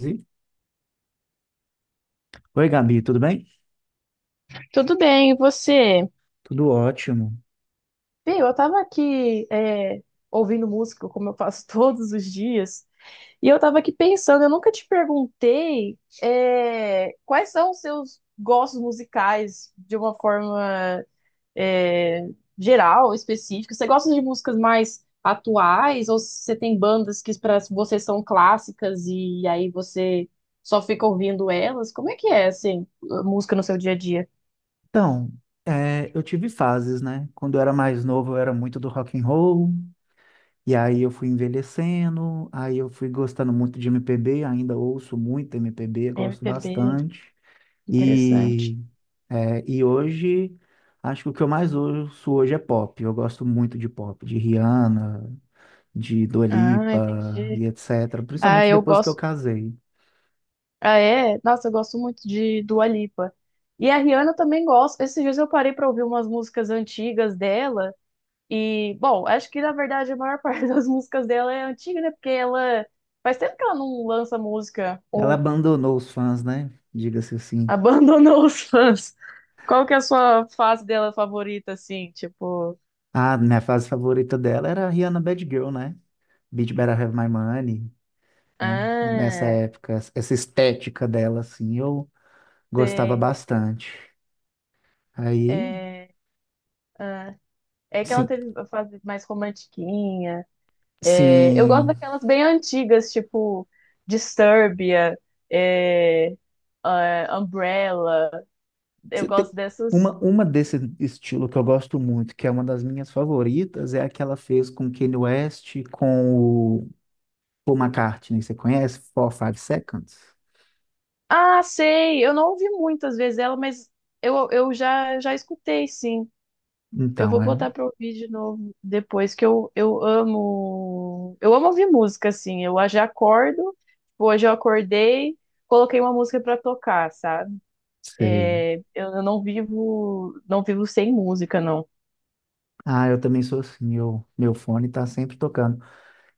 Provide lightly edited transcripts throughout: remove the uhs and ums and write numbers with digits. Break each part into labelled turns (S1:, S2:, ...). S1: Oi, Gabi, tudo bem?
S2: Tudo bem, e você?
S1: Tudo ótimo.
S2: Bem, eu tava aqui ouvindo música, como eu faço todos os dias, e eu tava aqui pensando, eu nunca te perguntei quais são os seus gostos musicais de uma forma é, geral, específica. Você gosta de músicas mais atuais, ou você tem bandas que para você são clássicas e aí você só fica ouvindo elas? Como é que é, assim, a música no seu dia a dia?
S1: Então, eu tive fases, né? Quando eu era mais novo, eu era muito do rock and roll, e aí eu fui envelhecendo, aí eu fui gostando muito de MPB, ainda ouço muito MPB, gosto
S2: MPB,
S1: bastante.
S2: interessante.
S1: E, e hoje, acho que o que eu mais ouço hoje é pop. Eu gosto muito de pop, de Rihanna, de Dua
S2: Ah,
S1: Lipa e
S2: entendi.
S1: etc.
S2: Ah,
S1: Principalmente
S2: eu
S1: depois que eu
S2: gosto.
S1: casei.
S2: Ah, é? Nossa, eu gosto muito de Dua Lipa. E a Rihanna eu também gosto. Esses dias eu parei pra ouvir umas músicas antigas dela. E, bom, acho que na verdade a maior parte das músicas dela é antiga, né? Porque ela. Faz tempo que ela não lança música
S1: Ela
S2: ou
S1: abandonou os fãs, né? Diga-se assim.
S2: abandonou os fãs. Qual que é a sua fase dela favorita, assim? Tipo.
S1: Ah, minha fase favorita dela era a Rihanna Bad Girl, né? Beat Better Have My Money, né? Nessa
S2: Ah,
S1: época, essa estética dela, assim, eu gostava
S2: tem.
S1: bastante. Aí,
S2: É, ah, é que ela
S1: sim,
S2: teve a fase mais romantiquinha. É, eu gosto
S1: sim.
S2: daquelas bem antigas, tipo Disturbia, é, ah, Umbrella. Eu
S1: Você tem-
S2: gosto dessas.
S1: uma desse estilo que eu gosto muito, que é uma das minhas favoritas, é a que ela fez com Kanye West, com o Paul McCartney. Você conhece? Four, Five Seconds?
S2: Ah, sei! Eu não ouvi muitas vezes ela, mas eu já escutei, sim. Eu
S1: Então,
S2: vou botar pra ouvir de novo depois, que eu amo. Eu amo ouvir música, assim. Eu já acordo, tipo, hoje eu acordei, coloquei uma música pra tocar, sabe?
S1: sei.
S2: Eu, não vivo, não vivo sem música, não.
S1: Ah, eu também sou assim, eu, meu fone tá sempre tocando.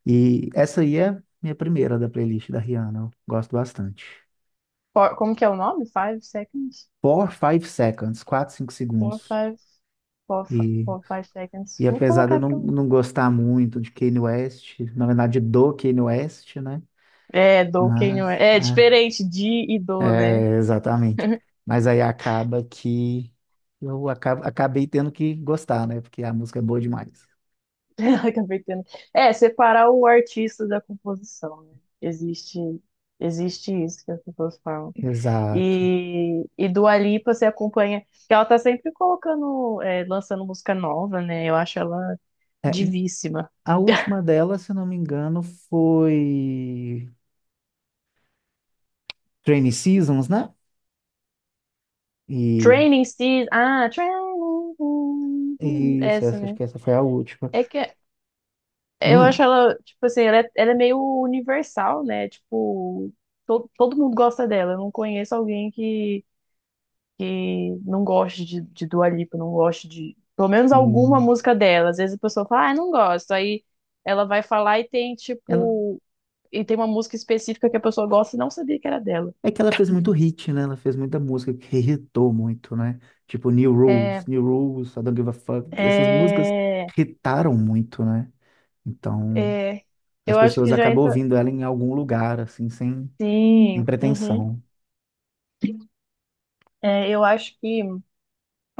S1: E essa aí é minha primeira da playlist da Rihanna. Eu gosto bastante.
S2: Four- como que é o nome? Five seconds?
S1: Four, Five Seconds, 4 5
S2: Four,
S1: segundos.
S2: five,
S1: E,
S2: four, five seconds.
S1: e
S2: Vou
S1: apesar de eu
S2: colocar
S1: não,
S2: pra. Um.
S1: não gostar muito de Kanye West, na verdade do Kanye West, né?
S2: É, do quem não
S1: Mas,
S2: é. É diferente de e do, né?
S1: exatamente. Mas aí acaba que eu acabei tendo que gostar, né? Porque a música é boa demais.
S2: Acabei tendo. É, separar o artista da composição, né? Existe, existe isso que as pessoas falam.
S1: Exato.
S2: Dua Lipa você acompanha. Porque ela tá sempre colocando, lançando música nova, né? Eu acho ela
S1: É,
S2: divíssima.
S1: a última dela, se não me engano, foi Trainy Seasons, né? E
S2: Training Season. Ah, Training.
S1: isso,
S2: Essa,
S1: essa, acho
S2: né?
S1: que essa foi a última.
S2: É que é, eu
S1: Hum,
S2: acho ela, tipo assim, ela é meio universal, né? Tipo, todo mundo gosta dela. Eu não conheço alguém que não goste de Dua Lipa, não goste de, pelo menos alguma
S1: hum.
S2: música dela. Às vezes a pessoa fala, ah, não gosto. Aí ela vai falar e tem,
S1: Ela,
S2: tipo, e tem uma música específica que a pessoa gosta e não sabia que era dela.
S1: é que ela fez muito hit, né? Ela fez muita música que irritou muito, né? Tipo New Rules,
S2: É,
S1: New Rules, I Don't Give a Fuck. Essas músicas
S2: é,
S1: irritaram muito, né? Então,
S2: é,
S1: as
S2: eu acho
S1: pessoas
S2: que já
S1: acabam
S2: entra.
S1: ouvindo ela em algum lugar, assim, sem
S2: Sim, uhum.
S1: pretensão.
S2: Eu acho que. Eu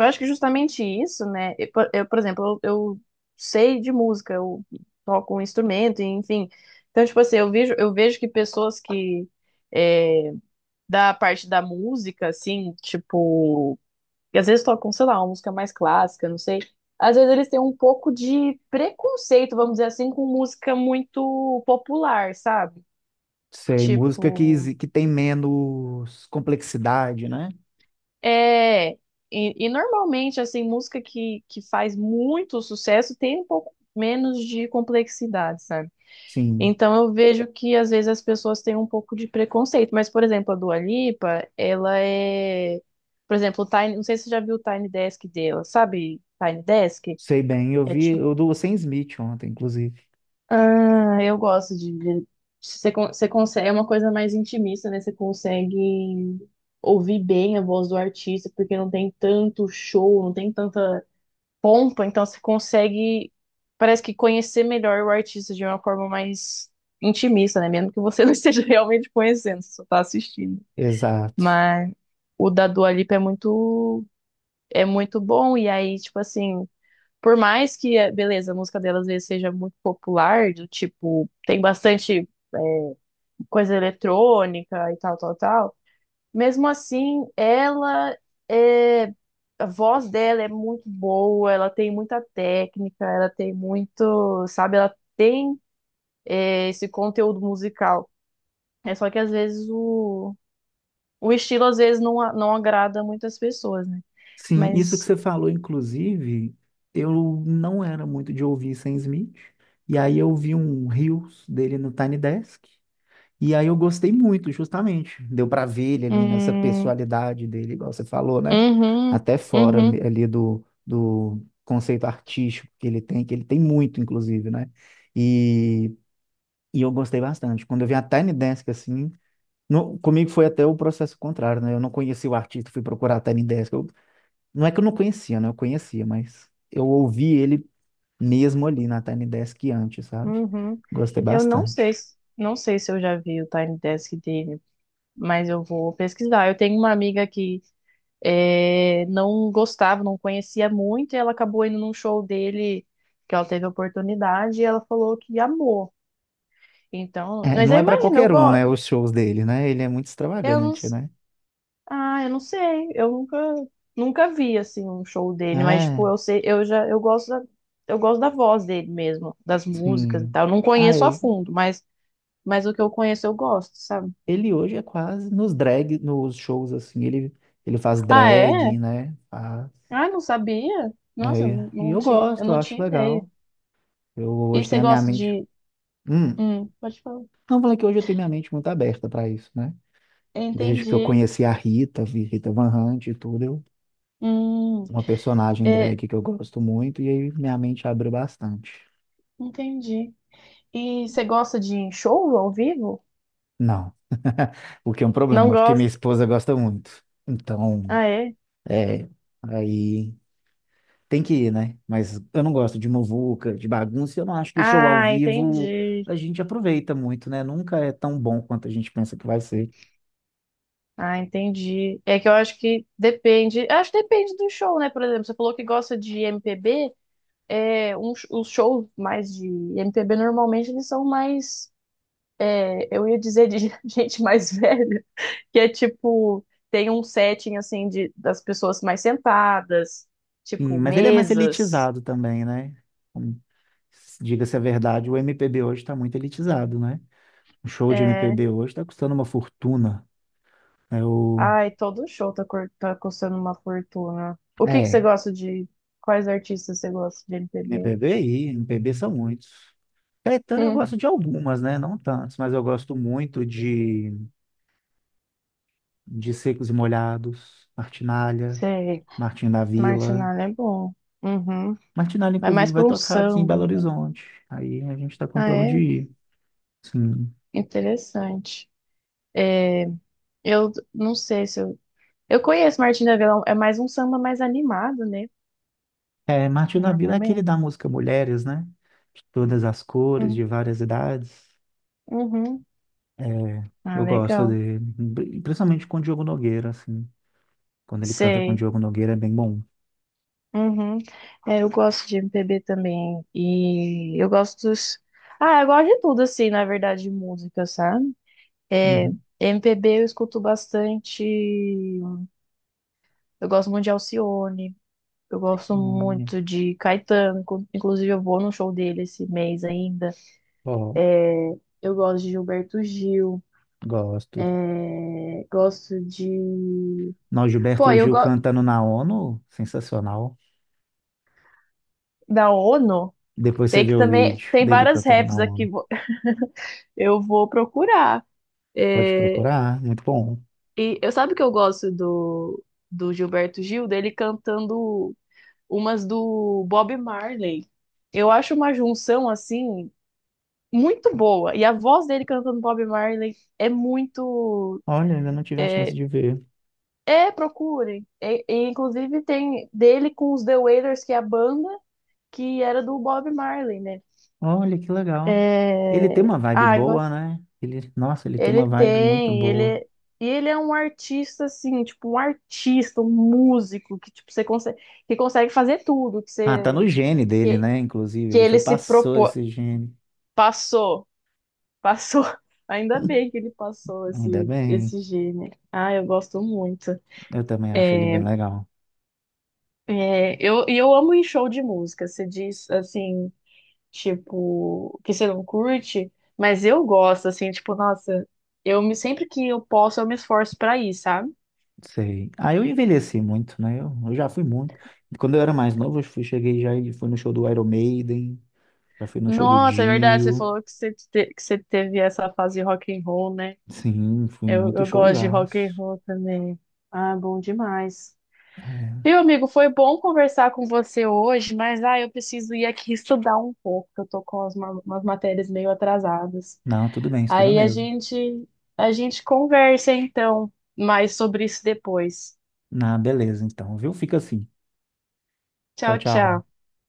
S2: acho que justamente isso, né? Eu, por exemplo, eu sei de música, eu toco um instrumento, enfim. Então, tipo assim, eu vejo que pessoas que é, da parte da música, assim, tipo, que às vezes tocam, sei lá, uma música mais clássica, não sei. Às vezes eles têm um pouco de preconceito, vamos dizer assim, com música muito popular, sabe?
S1: Sei, música
S2: Tipo,
S1: que tem menos complexidade, né?
S2: É, e normalmente, assim, música que faz muito sucesso tem um pouco menos de complexidade, sabe?
S1: Sim,
S2: Então eu vejo que às vezes as pessoas têm um pouco de preconceito, mas, por exemplo, a Dua Lipa, ela é, por exemplo, o Tiny, não sei se você já viu o Tiny Desk dela, sabe? Tiny Desk?
S1: sei bem. Eu
S2: É
S1: vi,
S2: tipo,
S1: eu do Sam Smith ontem, inclusive.
S2: ah, eu gosto de- você, você consegue, é uma coisa mais intimista, né? Você consegue ouvir bem a voz do artista, porque não tem tanto show, não tem tanta pompa então você consegue, parece que conhecer melhor o artista de uma forma mais intimista, né? Mesmo que você não esteja realmente conhecendo, você só tá assistindo.
S1: Exato.
S2: Mas o da Dua Lipa é muito bom, e aí, tipo assim, por mais que, beleza, a música dela às vezes seja muito popular, do tipo, tem bastante eh, coisa eletrônica e tal, tal, tal. Mesmo assim, ela é. A voz dela é muito boa, ela tem muita técnica, ela tem muito, sabe, ela tem esse conteúdo musical. É só que às vezes o estilo às vezes não, não agrada muitas pessoas, né?
S1: Sim, isso que
S2: Mas
S1: você falou, inclusive, eu não era muito de ouvir Sam Smith, e aí eu vi um Reels dele no Tiny Desk, e aí eu gostei muito, justamente. Deu pra ver ele ali nessa
S2: hum,
S1: personalidade dele, igual você falou, né?
S2: uhum,
S1: Até fora
S2: uhum,
S1: ali do conceito artístico que ele tem muito, inclusive, né? E, e eu gostei bastante. Quando eu vi a Tiny Desk assim, comigo foi até o processo contrário, né? Eu não conheci o artista, fui procurar a Tiny Desk. Não é que eu não conhecia, né? Eu conhecia, mas eu ouvi ele mesmo ali na Tiny Desk antes, sabe?
S2: uhum.
S1: Gostei
S2: Eu não sei,
S1: bastante.
S2: não sei se eu já vi o Tiny Desk dele, mas eu vou pesquisar. Eu tenho uma amiga que não gostava, não conhecia muito, e ela acabou indo num show dele que ela teve a oportunidade e ela falou que amou. Então,
S1: É,
S2: mas eu
S1: não é pra
S2: imagino, eu
S1: qualquer um,
S2: gosto,
S1: né? Os shows dele, né? Ele é muito
S2: eu não,
S1: extravagante,
S2: s-
S1: né?
S2: eu não sei, eu nunca, nunca vi assim um show dele, mas
S1: É,
S2: tipo, eu sei, eu já, eu gosto da voz dele mesmo, das músicas e
S1: sim.
S2: tal. Eu não
S1: Ah,
S2: conheço a
S1: é.
S2: fundo, mas o que eu conheço eu gosto, sabe?
S1: Ele hoje é quase nos drag, nos shows assim, ele faz
S2: Ah, é?
S1: drag, né? Faz.
S2: Ah, não sabia? Nossa, eu
S1: É,
S2: não,
S1: e
S2: não tinha, eu
S1: eu
S2: não
S1: acho
S2: tinha ideia.
S1: legal. Eu
S2: E
S1: hoje
S2: você
S1: tenho a minha
S2: gosta
S1: mente.
S2: de,
S1: Hum,
S2: pode falar.
S1: não falei que hoje eu tenho minha mente muito aberta para isso, né? Desde que eu
S2: Entendi.
S1: conheci a Rita, vi Rita Van Hunt e tudo,
S2: Hum,
S1: uma personagem
S2: é,
S1: drag que eu gosto muito, e aí minha mente abriu bastante.
S2: entendi. E você gosta de show ao vivo?
S1: Não, o que é um
S2: Não
S1: problema, porque minha
S2: gosta?
S1: esposa gosta muito. Então,
S2: Ah, é?
S1: é, aí tem que ir, né? Mas eu não gosto de muvuca, de bagunça, e eu não acho que show ao
S2: Ah,
S1: vivo
S2: entendi.
S1: a gente aproveita muito, né? Nunca é tão bom quanto a gente pensa que vai ser.
S2: Ah, entendi. É que eu acho que depende. Acho que depende do show, né? Por exemplo, você falou que gosta de MPB. Os shows mais de MPB normalmente eles são mais. Eu ia dizer de gente mais velha, que é tipo. Tem um setting assim de, das pessoas mais sentadas,
S1: Sim,
S2: tipo
S1: mas ele é mais
S2: mesas.
S1: elitizado também, né? Como- Diga-se a verdade, o MPB hoje está muito elitizado, né? O show de
S2: É,
S1: MPB hoje está custando uma fortuna. É o...
S2: ai, todo show tá, cur- tá custando uma fortuna. O que que
S1: É,
S2: você gosta de. Quais artistas você gosta de MPB?
S1: MPB aí, MPB são muitos. Caetano eu
S2: Hum,
S1: gosto de algumas, né? Não tantos, mas eu gosto muito de Secos e Molhados, Martinália,
S2: sei.
S1: Martinho da Vila.
S2: Martinalha é bom. Uhum.
S1: Martinália,
S2: Vai
S1: inclusive,
S2: mais
S1: vai
S2: pra um
S1: tocar aqui em
S2: samba,
S1: Belo
S2: então.
S1: Horizonte. Aí a gente tá com
S2: Ah,
S1: plano de
S2: é?
S1: ir. Sim.
S2: Interessante. É, eu não sei se eu. Eu conheço Martinha da Vila, é mais um samba mais animado, né?
S1: É, Martinho da Vila é aquele
S2: Normalmente.
S1: da música Mulheres, né? De todas as cores,
S2: Uhum.
S1: de várias idades.
S2: Uhum.
S1: É,
S2: Ah,
S1: eu gosto
S2: legal.
S1: dele. Principalmente com o Diogo Nogueira, assim. Quando ele canta com o
S2: Sei.
S1: Diogo Nogueira é bem bom.
S2: Uhum. É, eu gosto de MPB também. E eu gosto dos. Ah, eu gosto de tudo, assim, na verdade, de música, sabe? É,
S1: Uhum.
S2: MPB eu escuto bastante. Eu gosto muito de Alcione. Eu gosto
S1: Olha.
S2: muito de Caetano. Inclusive, eu vou no show dele esse mês ainda.
S1: Ó,
S2: É, eu gosto de Gilberto Gil.
S1: gosto.
S2: É, gosto de.
S1: Não,
S2: Pô,
S1: Gilberto
S2: eu
S1: Gil
S2: gosto.
S1: cantando na ONU, sensacional.
S2: Da ONU.
S1: Depois você
S2: Tem que
S1: vê o
S2: também.
S1: vídeo
S2: Tem
S1: dele
S2: várias
S1: cantando na
S2: raps aqui.
S1: ONU.
S2: Eu vou procurar.
S1: Pode
S2: É,
S1: procurar, muito bom.
S2: e eu sabe o que eu gosto do, do Gilberto Gil, dele cantando umas do Bob Marley. Eu acho uma junção assim muito boa. E a voz dele cantando Bob Marley é muito.
S1: Olha, ainda não tive a chance de ver.
S2: É, procurem. Inclusive tem dele com os The Wailers, que é a banda que era do Bob Marley, né?
S1: Olha, que legal. Ele
S2: É...
S1: tem uma vibe
S2: Ah, agora.
S1: boa, né? Ele, nossa, ele tem uma vibe muito
S2: Ele
S1: boa.
S2: é, e ele é um artista assim, tipo um artista, um músico que tipo você consegue, que consegue fazer tudo que
S1: Ah, tá
S2: você
S1: no gene dele,
S2: que,
S1: né? Inclusive,
S2: que
S1: ele
S2: ele se
S1: passou
S2: propôs,
S1: esse gene.
S2: passou, passou. Ainda bem que ele passou
S1: Ainda bem.
S2: esse gênio. Ah, eu gosto muito.
S1: Eu também acho ele
S2: É,
S1: bem legal.
S2: eu amo ir em show de música. Você diz assim, tipo, que você não curte, mas eu gosto assim, tipo, nossa, eu me sempre que eu posso, eu me esforço pra ir, sabe?
S1: Sei. Ah, eu envelheci muito, né? Eu já fui muito. Quando eu era mais novo, eu cheguei já e fui no show do Iron Maiden. Já fui no show do
S2: Nossa, é verdade, você
S1: Dio.
S2: falou que você, que você teve essa fase de rock and roll, né?
S1: Sim, fui em muitos
S2: Eu gosto de rock and
S1: showzaços.
S2: roll também. Ah, bom demais.
S1: É.
S2: Meu amigo, foi bom conversar com você hoje, mas ah, eu preciso ir aqui estudar um pouco, que eu tô com umas matérias meio atrasadas.
S1: Não, tudo bem, isso tudo
S2: Aí
S1: mesmo.
S2: a gente conversa então mais sobre isso depois.
S1: Na beleza, então, viu? Fica assim. Tchau,
S2: Tchau, tchau.
S1: tchau.